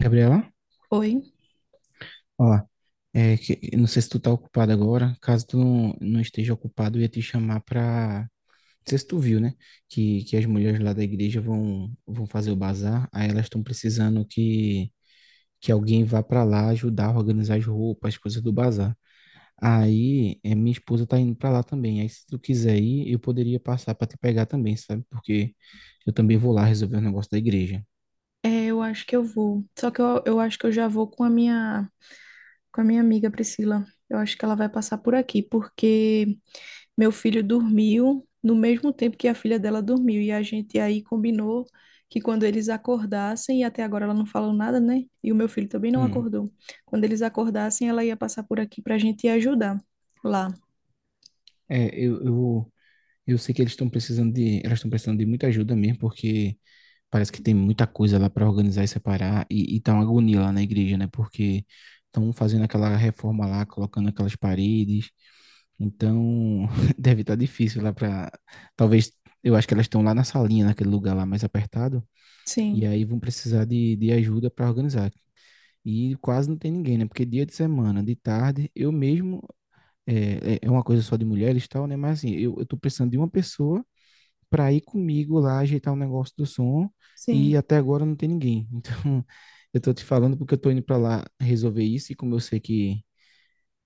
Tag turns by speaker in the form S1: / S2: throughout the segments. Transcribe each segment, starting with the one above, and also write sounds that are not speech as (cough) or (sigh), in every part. S1: Gabriela,
S2: Oi,
S1: ó, é que não sei se tu tá ocupado agora, caso tu não, não esteja ocupado, eu ia te chamar pra. Não sei se tu viu, né? Que as mulheres lá da igreja vão fazer o bazar, aí elas estão precisando que alguém vá pra lá ajudar a organizar as roupas, as coisas do bazar. Aí, é, minha esposa tá indo pra lá também. Aí, se tu quiser ir, eu poderia passar pra te pegar também, sabe? Porque eu também vou lá resolver o negócio da igreja.
S2: é, eu acho que eu vou. Só que eu acho que eu já vou com a minha amiga Priscila. Eu acho que ela vai passar por aqui, porque meu filho dormiu no mesmo tempo que a filha dela dormiu e a gente aí combinou que quando eles acordassem, e até agora ela não falou nada, né? E o meu filho também não
S1: Hum.
S2: acordou. Quando eles acordassem, ela ia passar por aqui pra gente ir ajudar lá.
S1: É, eu, eu, Eu sei que eles estão precisando de, elas estão precisando de muita ajuda mesmo, porque parece que tem muita coisa lá para organizar e separar e tá uma agonia lá na igreja, né? Porque estão fazendo aquela reforma lá, colocando aquelas paredes. Então, (laughs) deve estar difícil lá para talvez eu acho que elas estão lá na salinha, naquele lugar lá mais apertado, e
S2: Sim,
S1: aí vão precisar de ajuda para organizar. E quase não tem ninguém, né? Porque dia de semana, de tarde, eu mesmo é, é uma coisa só de mulheres e tal, né? Mas assim, eu tô precisando de uma pessoa para ir comigo lá ajeitar o negócio do som e
S2: sim.
S1: até agora não tem ninguém. Então, (laughs) eu tô te falando porque eu tô indo para lá resolver isso e como eu sei que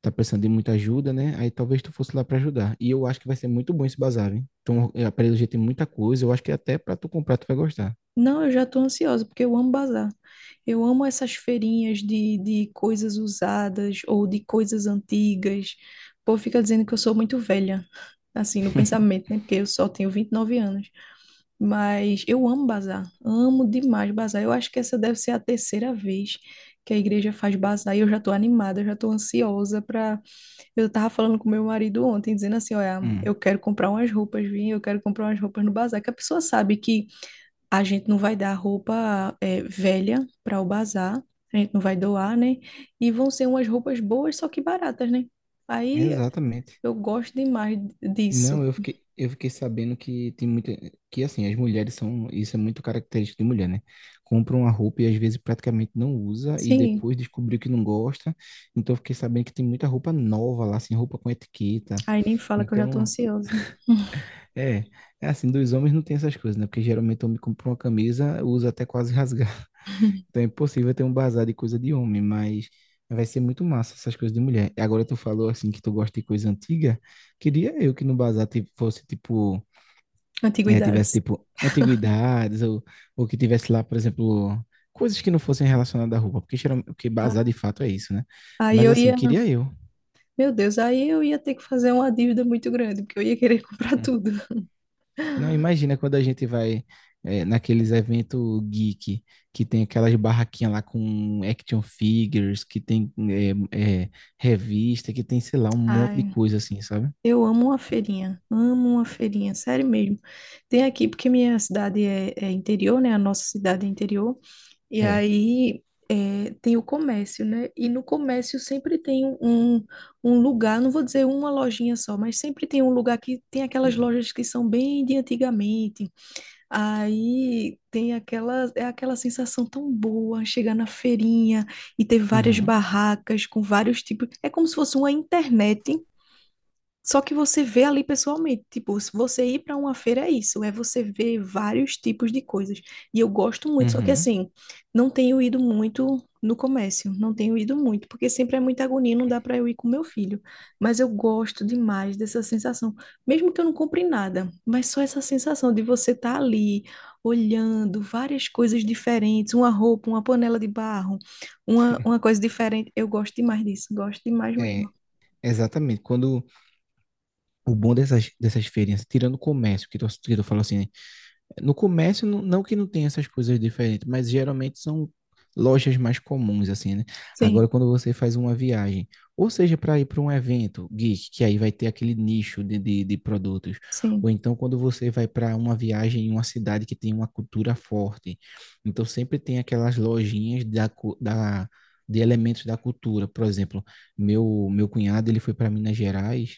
S1: tá precisando de muita ajuda, né? Aí talvez tu fosse lá para ajudar. E eu acho que vai ser muito bom esse bazar, hein? Então, a Parelho já tem muita coisa, eu acho que até para tu comprar tu vai gostar.
S2: Não, eu já estou ansiosa, porque eu amo bazar. Eu amo essas feirinhas de coisas usadas ou de coisas antigas. O povo fica dizendo que eu sou muito velha, assim, no
S1: (laughs)
S2: pensamento, né? Porque eu só tenho 29 anos. Mas eu amo bazar, amo demais bazar. Eu acho que essa deve ser a terceira vez que a igreja faz bazar e eu já estou animada, eu já estou ansiosa para... Eu estava falando com meu marido ontem, dizendo assim, olha,
S1: Hum,
S2: eu quero comprar umas roupas, vim, eu quero comprar umas roupas no bazar, que a pessoa sabe que a gente não vai dar roupa é, velha para o bazar, a gente não vai doar, né? E vão ser umas roupas boas, só que baratas, né? Aí
S1: exatamente.
S2: eu gosto demais
S1: Não,
S2: disso.
S1: eu fiquei sabendo que tem muita, que assim, as mulheres são, isso é muito característico de mulher, né? Compra uma roupa e às vezes praticamente não usa e
S2: Sim,
S1: depois descobriu que não gosta. Então eu fiquei sabendo que tem muita roupa nova lá, assim, roupa com etiqueta.
S2: aí nem fala que eu já tô
S1: Então,
S2: ansiosa.
S1: é, é assim, dos homens não tem essas coisas, né? Porque geralmente o homem compra uma camisa, usa até quase rasgar. (laughs)
S2: (laughs)
S1: Então é impossível ter um bazar de coisa de homem, mas vai ser muito massa essas coisas de mulher. Agora tu falou assim que tu gosta de coisa antiga. Queria eu que no bazar tipo, fosse tipo é, tivesse,
S2: Antiguidades.
S1: tipo, antiguidades, ou que tivesse lá, por exemplo, coisas que não fossem relacionadas à roupa, porque, geralmente, porque bazar de fato é isso, né?
S2: Aí
S1: Mas
S2: eu
S1: assim,
S2: ia,
S1: queria eu.
S2: meu Deus, aí eu ia ter que fazer uma dívida muito grande, porque eu ia querer (laughs) comprar
S1: Hum.
S2: tudo.
S1: Não, imagina quando a gente vai é, naqueles eventos geek, que tem aquelas barraquinhas lá com action figures, que tem é, é, revista, que tem, sei lá, um monte de
S2: Ai,
S1: coisa assim, sabe?
S2: eu amo uma feirinha, sério mesmo. Tem aqui, porque minha cidade é interior, né? A nossa cidade é interior. E
S1: É.
S2: aí é, tem o comércio, né? E no comércio sempre tem um um lugar, não vou dizer uma lojinha só, mas sempre tem um lugar que tem aquelas lojas que são bem de antigamente. Aí tem aquela, é aquela sensação tão boa chegar na feirinha e ter várias
S1: Uhum,
S2: barracas com vários tipos. É como se fosse uma internet, só que você vê ali pessoalmente, tipo, se você ir para uma feira é isso, é você ver vários tipos de coisas. E eu gosto muito, só que
S1: uhum.
S2: assim, não tenho ido muito no comércio, não tenho ido muito, porque sempre é muita agonia, não dá para eu ir com meu filho. Mas eu gosto demais dessa sensação, mesmo que eu não compre nada, mas só essa sensação de você estar ali olhando várias coisas diferentes, uma roupa, uma panela de barro, uma coisa diferente. Eu gosto demais disso, gosto demais mesmo.
S1: É, exatamente. Quando o bom dessas, dessas feirinhas, tirando o comércio, que tu falou assim, né? No comércio, não, não que não tenha essas coisas diferentes, mas geralmente são lojas mais comuns, assim, né? Agora,
S2: Sim,
S1: quando você faz uma viagem, ou seja, para ir para um evento geek, que aí vai ter aquele nicho de produtos, ou
S2: sim,
S1: então quando você vai para uma viagem em uma cidade que tem uma cultura forte, então sempre tem aquelas lojinhas da, cu- da, de elementos da cultura. Por exemplo, meu cunhado, ele foi para Minas Gerais,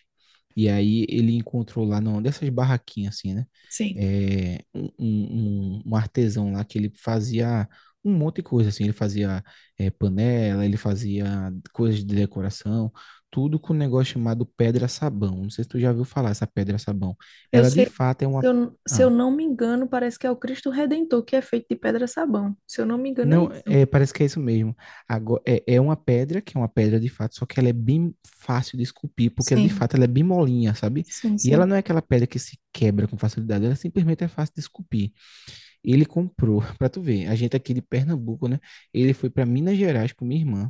S1: e aí ele encontrou lá, não, dessas barraquinhas, assim, né?
S2: sim.
S1: é, um, um artesão lá que ele fazia um monte de coisa, assim, ele fazia é, panela, ele fazia coisas de decoração, tudo com um negócio chamado pedra sabão. Não sei se tu já ouviu falar essa pedra sabão.
S2: Eu
S1: Ela de
S2: sei,
S1: fato é uma.
S2: se eu
S1: Ah,
S2: não me engano, parece que é o Cristo Redentor, que é feito de pedra sabão. Se eu não me engano, é
S1: não,
S2: isso.
S1: é, parece que é isso mesmo. Agora, é, é uma pedra, que é uma pedra de fato, só que ela é bem fácil de esculpir, porque ela de
S2: Sim,
S1: fato ela é bem molinha, sabe?
S2: sim,
S1: E ela
S2: sim.
S1: não é aquela pedra que se quebra com facilidade, ela simplesmente é fácil de esculpir. Ele comprou, (laughs) para tu ver, a gente aqui de Pernambuco, né? Ele foi para Minas Gerais com minha irmã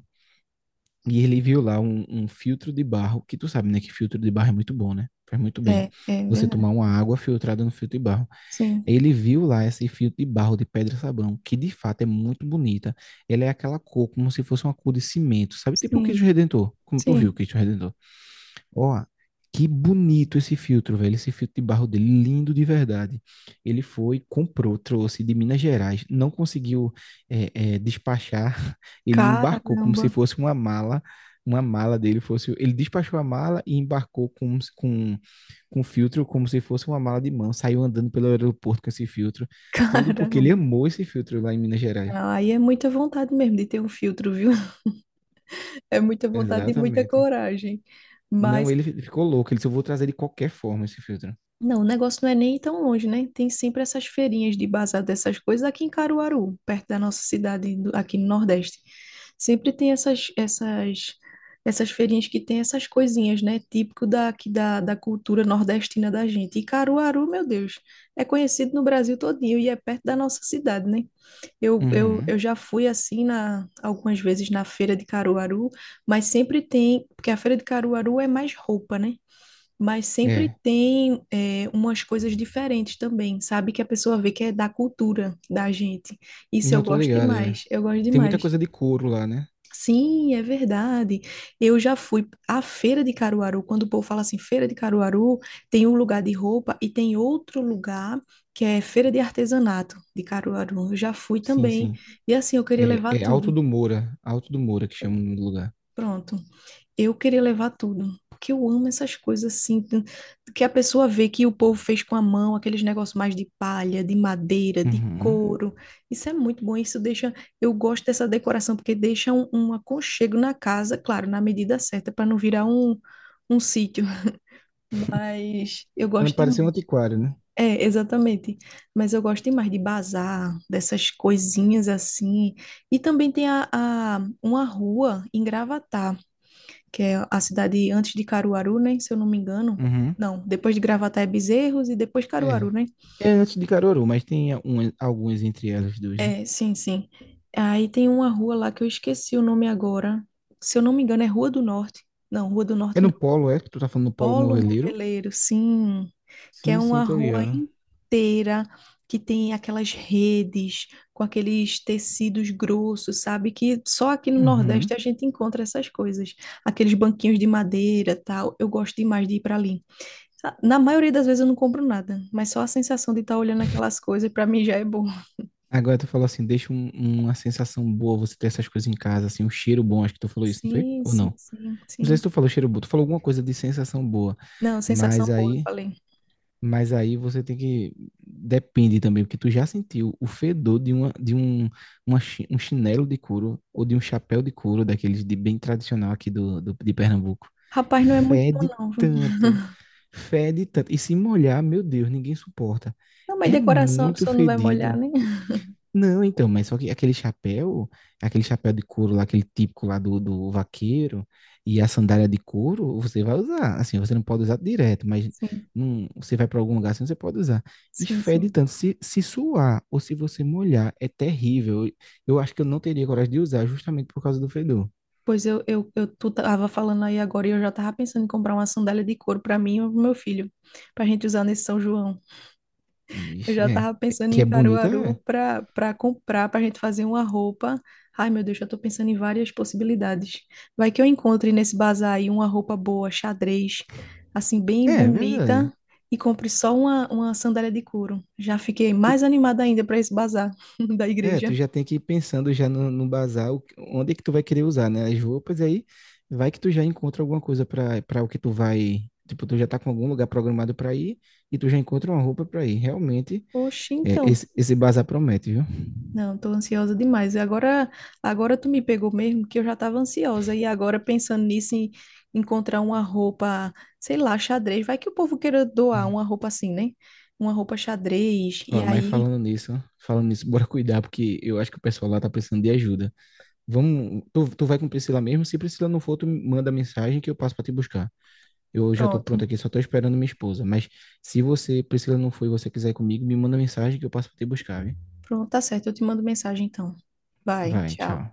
S1: e ele viu lá um, um filtro de barro, que tu sabe, né? Que filtro de barro é muito bom, né? Faz muito bem.
S2: É, é
S1: Você tomar
S2: verdade.
S1: uma água filtrada no filtro de barro.
S2: Sim,
S1: Aí ele viu lá esse filtro de barro de pedra sabão, que de fato é muito bonita. Ela é aquela cor como se fosse uma cor de cimento, sabe? Tipo o Cristo
S2: sim,
S1: Redentor, como tu viu o
S2: sim.
S1: Cristo Redentor. Ó, que bonito esse filtro, velho. Esse filtro de barro dele, lindo de verdade. Ele foi, comprou, trouxe de Minas Gerais, não conseguiu despachar. (laughs) Ele embarcou como
S2: Caramba,
S1: se fosse uma mala. Uma mala dele fosse. Ele despachou a mala e embarcou com filtro como se fosse uma mala de mão. Saiu andando pelo aeroporto com esse filtro.
S2: (laughs)
S1: Tudo porque ele
S2: caramba.
S1: amou esse filtro lá em Minas Gerais.
S2: Ah, aí é muita vontade mesmo de ter um filtro, viu? (laughs) É muita vontade e muita
S1: Exatamente.
S2: coragem.
S1: Não,
S2: Mas
S1: ele ficou louco. Ele disse: eu vou trazer de qualquer forma esse filtro.
S2: não, o negócio não é nem tão longe, né? Tem sempre essas feirinhas de bazar dessas coisas aqui em Caruaru, perto da nossa cidade, do- aqui no Nordeste. Sempre tem essas feirinhas que tem essas coisinhas, né? Típico daqui da cultura nordestina da gente. E Caruaru, meu Deus, é conhecido no Brasil todinho e é perto da nossa cidade, né? Eu, eu,
S1: Uhum.
S2: eu já fui assim na, algumas vezes na feira de Caruaru, mas sempre tem, porque a feira de Caruaru é mais roupa, né? Mas sempre
S1: É.
S2: tem é, umas coisas diferentes também, sabe? Que a pessoa vê que é da cultura da gente. Isso
S1: Não,
S2: eu
S1: tô
S2: gosto
S1: ligado, é.
S2: demais, eu gosto
S1: Tem muita
S2: demais.
S1: coisa de couro lá, né?
S2: Sim, é verdade. Eu já fui à feira de Caruaru. Quando o povo fala assim, feira de Caruaru, tem um lugar de roupa e tem outro lugar que é feira de artesanato de Caruaru. Eu já fui
S1: Sim,
S2: também.
S1: sim.
S2: E assim, eu queria
S1: É,
S2: levar
S1: é Alto
S2: tudo.
S1: do Moura. Alto do Moura que chama o nome do lugar.
S2: Pronto, eu queria levar tudo. Porque eu amo essas coisas assim, t- que a pessoa vê que o povo fez com a mão, aqueles negócios mais de palha, de madeira, de
S1: Uhum.
S2: couro. Isso é muito bom. Isso deixa. Eu gosto dessa decoração, porque deixa um aconchego na casa, claro, na medida certa, para não virar um, um sítio. Mas eu
S1: Pra não
S2: gosto
S1: parecer um
S2: demais.
S1: antiquário, né?
S2: É, exatamente. Mas eu gosto demais de bazar, dessas coisinhas assim. E também tem a- uma rua em Gravatá que é a cidade antes de Caruaru, né? Se eu não me engano.
S1: Uhum.
S2: Não, depois de Gravatá é Bezerros e depois
S1: É.
S2: Caruaru, né?
S1: É antes de Caruaru, mas tem algumas entre elas duas, né?
S2: É, sim, sim. Aí tem uma rua lá que eu esqueci o nome agora. Se eu não me engano, é Rua do Norte. Não, Rua do
S1: É
S2: Norte
S1: no
S2: não.
S1: Polo, é? Que tu tá falando do Polo
S2: Polo
S1: Morreleiro?
S2: Moveleiro, sim. Que é
S1: Sim, sim,
S2: uma
S1: tô
S2: rua
S1: ligado.
S2: inteira que tem aquelas redes com aqueles tecidos grossos, sabe? Que só aqui no
S1: Uhum.
S2: Nordeste a gente encontra essas coisas. Aqueles banquinhos de madeira, tal. Eu gosto demais de ir para ali. Sa- Na maioria das vezes eu não compro nada, mas só a sensação de estar olhando aquelas coisas pra mim já é boa.
S1: Agora tu falou assim, deixa um- uma sensação boa você ter essas coisas em casa, assim, um cheiro bom, acho que tu falou isso, não foi?
S2: Sim,
S1: Ou não?
S2: sim, sim,
S1: Não sei se
S2: sim.
S1: tu falou cheiro bom, tu falou alguma coisa de sensação boa,
S2: Não,
S1: mas
S2: sensação boa, eu
S1: aí...
S2: falei.
S1: Mas aí você tem que. Depende também, porque tu já sentiu o fedor de, uma, de um, uma chi- um chinelo de couro ou de um chapéu de couro, daqueles de bem tradicional aqui do, do- de Pernambuco.
S2: Rapaz, não é muito bom
S1: Fede
S2: não, viu?
S1: tanto, fede tanto. E se molhar, meu Deus, ninguém suporta.
S2: Não, mas
S1: É
S2: decoração a
S1: muito
S2: pessoa não vai molhar,
S1: fedido.
S2: né?
S1: Não, então, mas só que aquele chapéu de couro lá, aquele típico lá do, do vaqueiro, e a sandália de couro, você vai usar. Assim, você não pode usar direto, mas
S2: Sim,
S1: não, você vai para algum lugar assim, você pode usar. E
S2: sim,
S1: fede
S2: sim.
S1: tanto. Se suar ou se você molhar, é terrível. Eu acho que eu não teria coragem de usar justamente por causa do fedor.
S2: Pois eu tu tava falando aí agora e eu já tava pensando em comprar uma sandália de couro pra mim e pro meu filho, pra gente usar nesse São João. Eu
S1: Vixe,
S2: já
S1: é.
S2: tava
S1: É-
S2: pensando
S1: Que é
S2: em
S1: bonito, é.
S2: Caruaru para comprar, para a gente fazer uma roupa. Ai, meu Deus, já tô pensando em várias possibilidades. Vai que eu encontre nesse bazar aí uma roupa boa, xadrez, assim,
S1: É,
S2: bem
S1: é verdade.
S2: bonita, e compre só uma sandália de couro. Já fiquei mais animada ainda para esse bazar (laughs) da
S1: É, tu
S2: igreja.
S1: já tem que ir pensando já no, no bazar, o- onde é que tu vai querer usar, né? As roupas, e aí vai que tu já encontra alguma coisa para para o que tu vai. Tipo, tu já tá com algum lugar programado para ir e tu já encontra uma roupa para ir. Realmente,
S2: Oxi,
S1: é,
S2: então.
S1: esse bazar promete, viu?
S2: Não, tô ansiosa demais. Agora, agora tu me pegou mesmo, que eu já tava ansiosa. E agora, pensando nisso, em encontrar uma roupa, sei lá, xadrez. Vai que o povo queira doar uma
S1: Uhum.
S2: roupa assim, né? Uma roupa xadrez. E
S1: Ó, mas
S2: aí,
S1: falando nisso, bora cuidar, porque eu acho que o pessoal lá tá precisando de ajuda. Vamos, tu, tu vai com Priscila mesmo? Se Priscila não for, tu me manda mensagem que eu passo para te buscar. Eu já estou
S2: pronto.
S1: pronto aqui, só estou esperando minha esposa. Mas se você, Priscila, não foi e você quiser ir comigo, me manda mensagem que eu passo para te buscar, viu?
S2: Pronto, tá certo. Eu te mando mensagem então. Vai,
S1: Vai,
S2: tchau.
S1: tchau.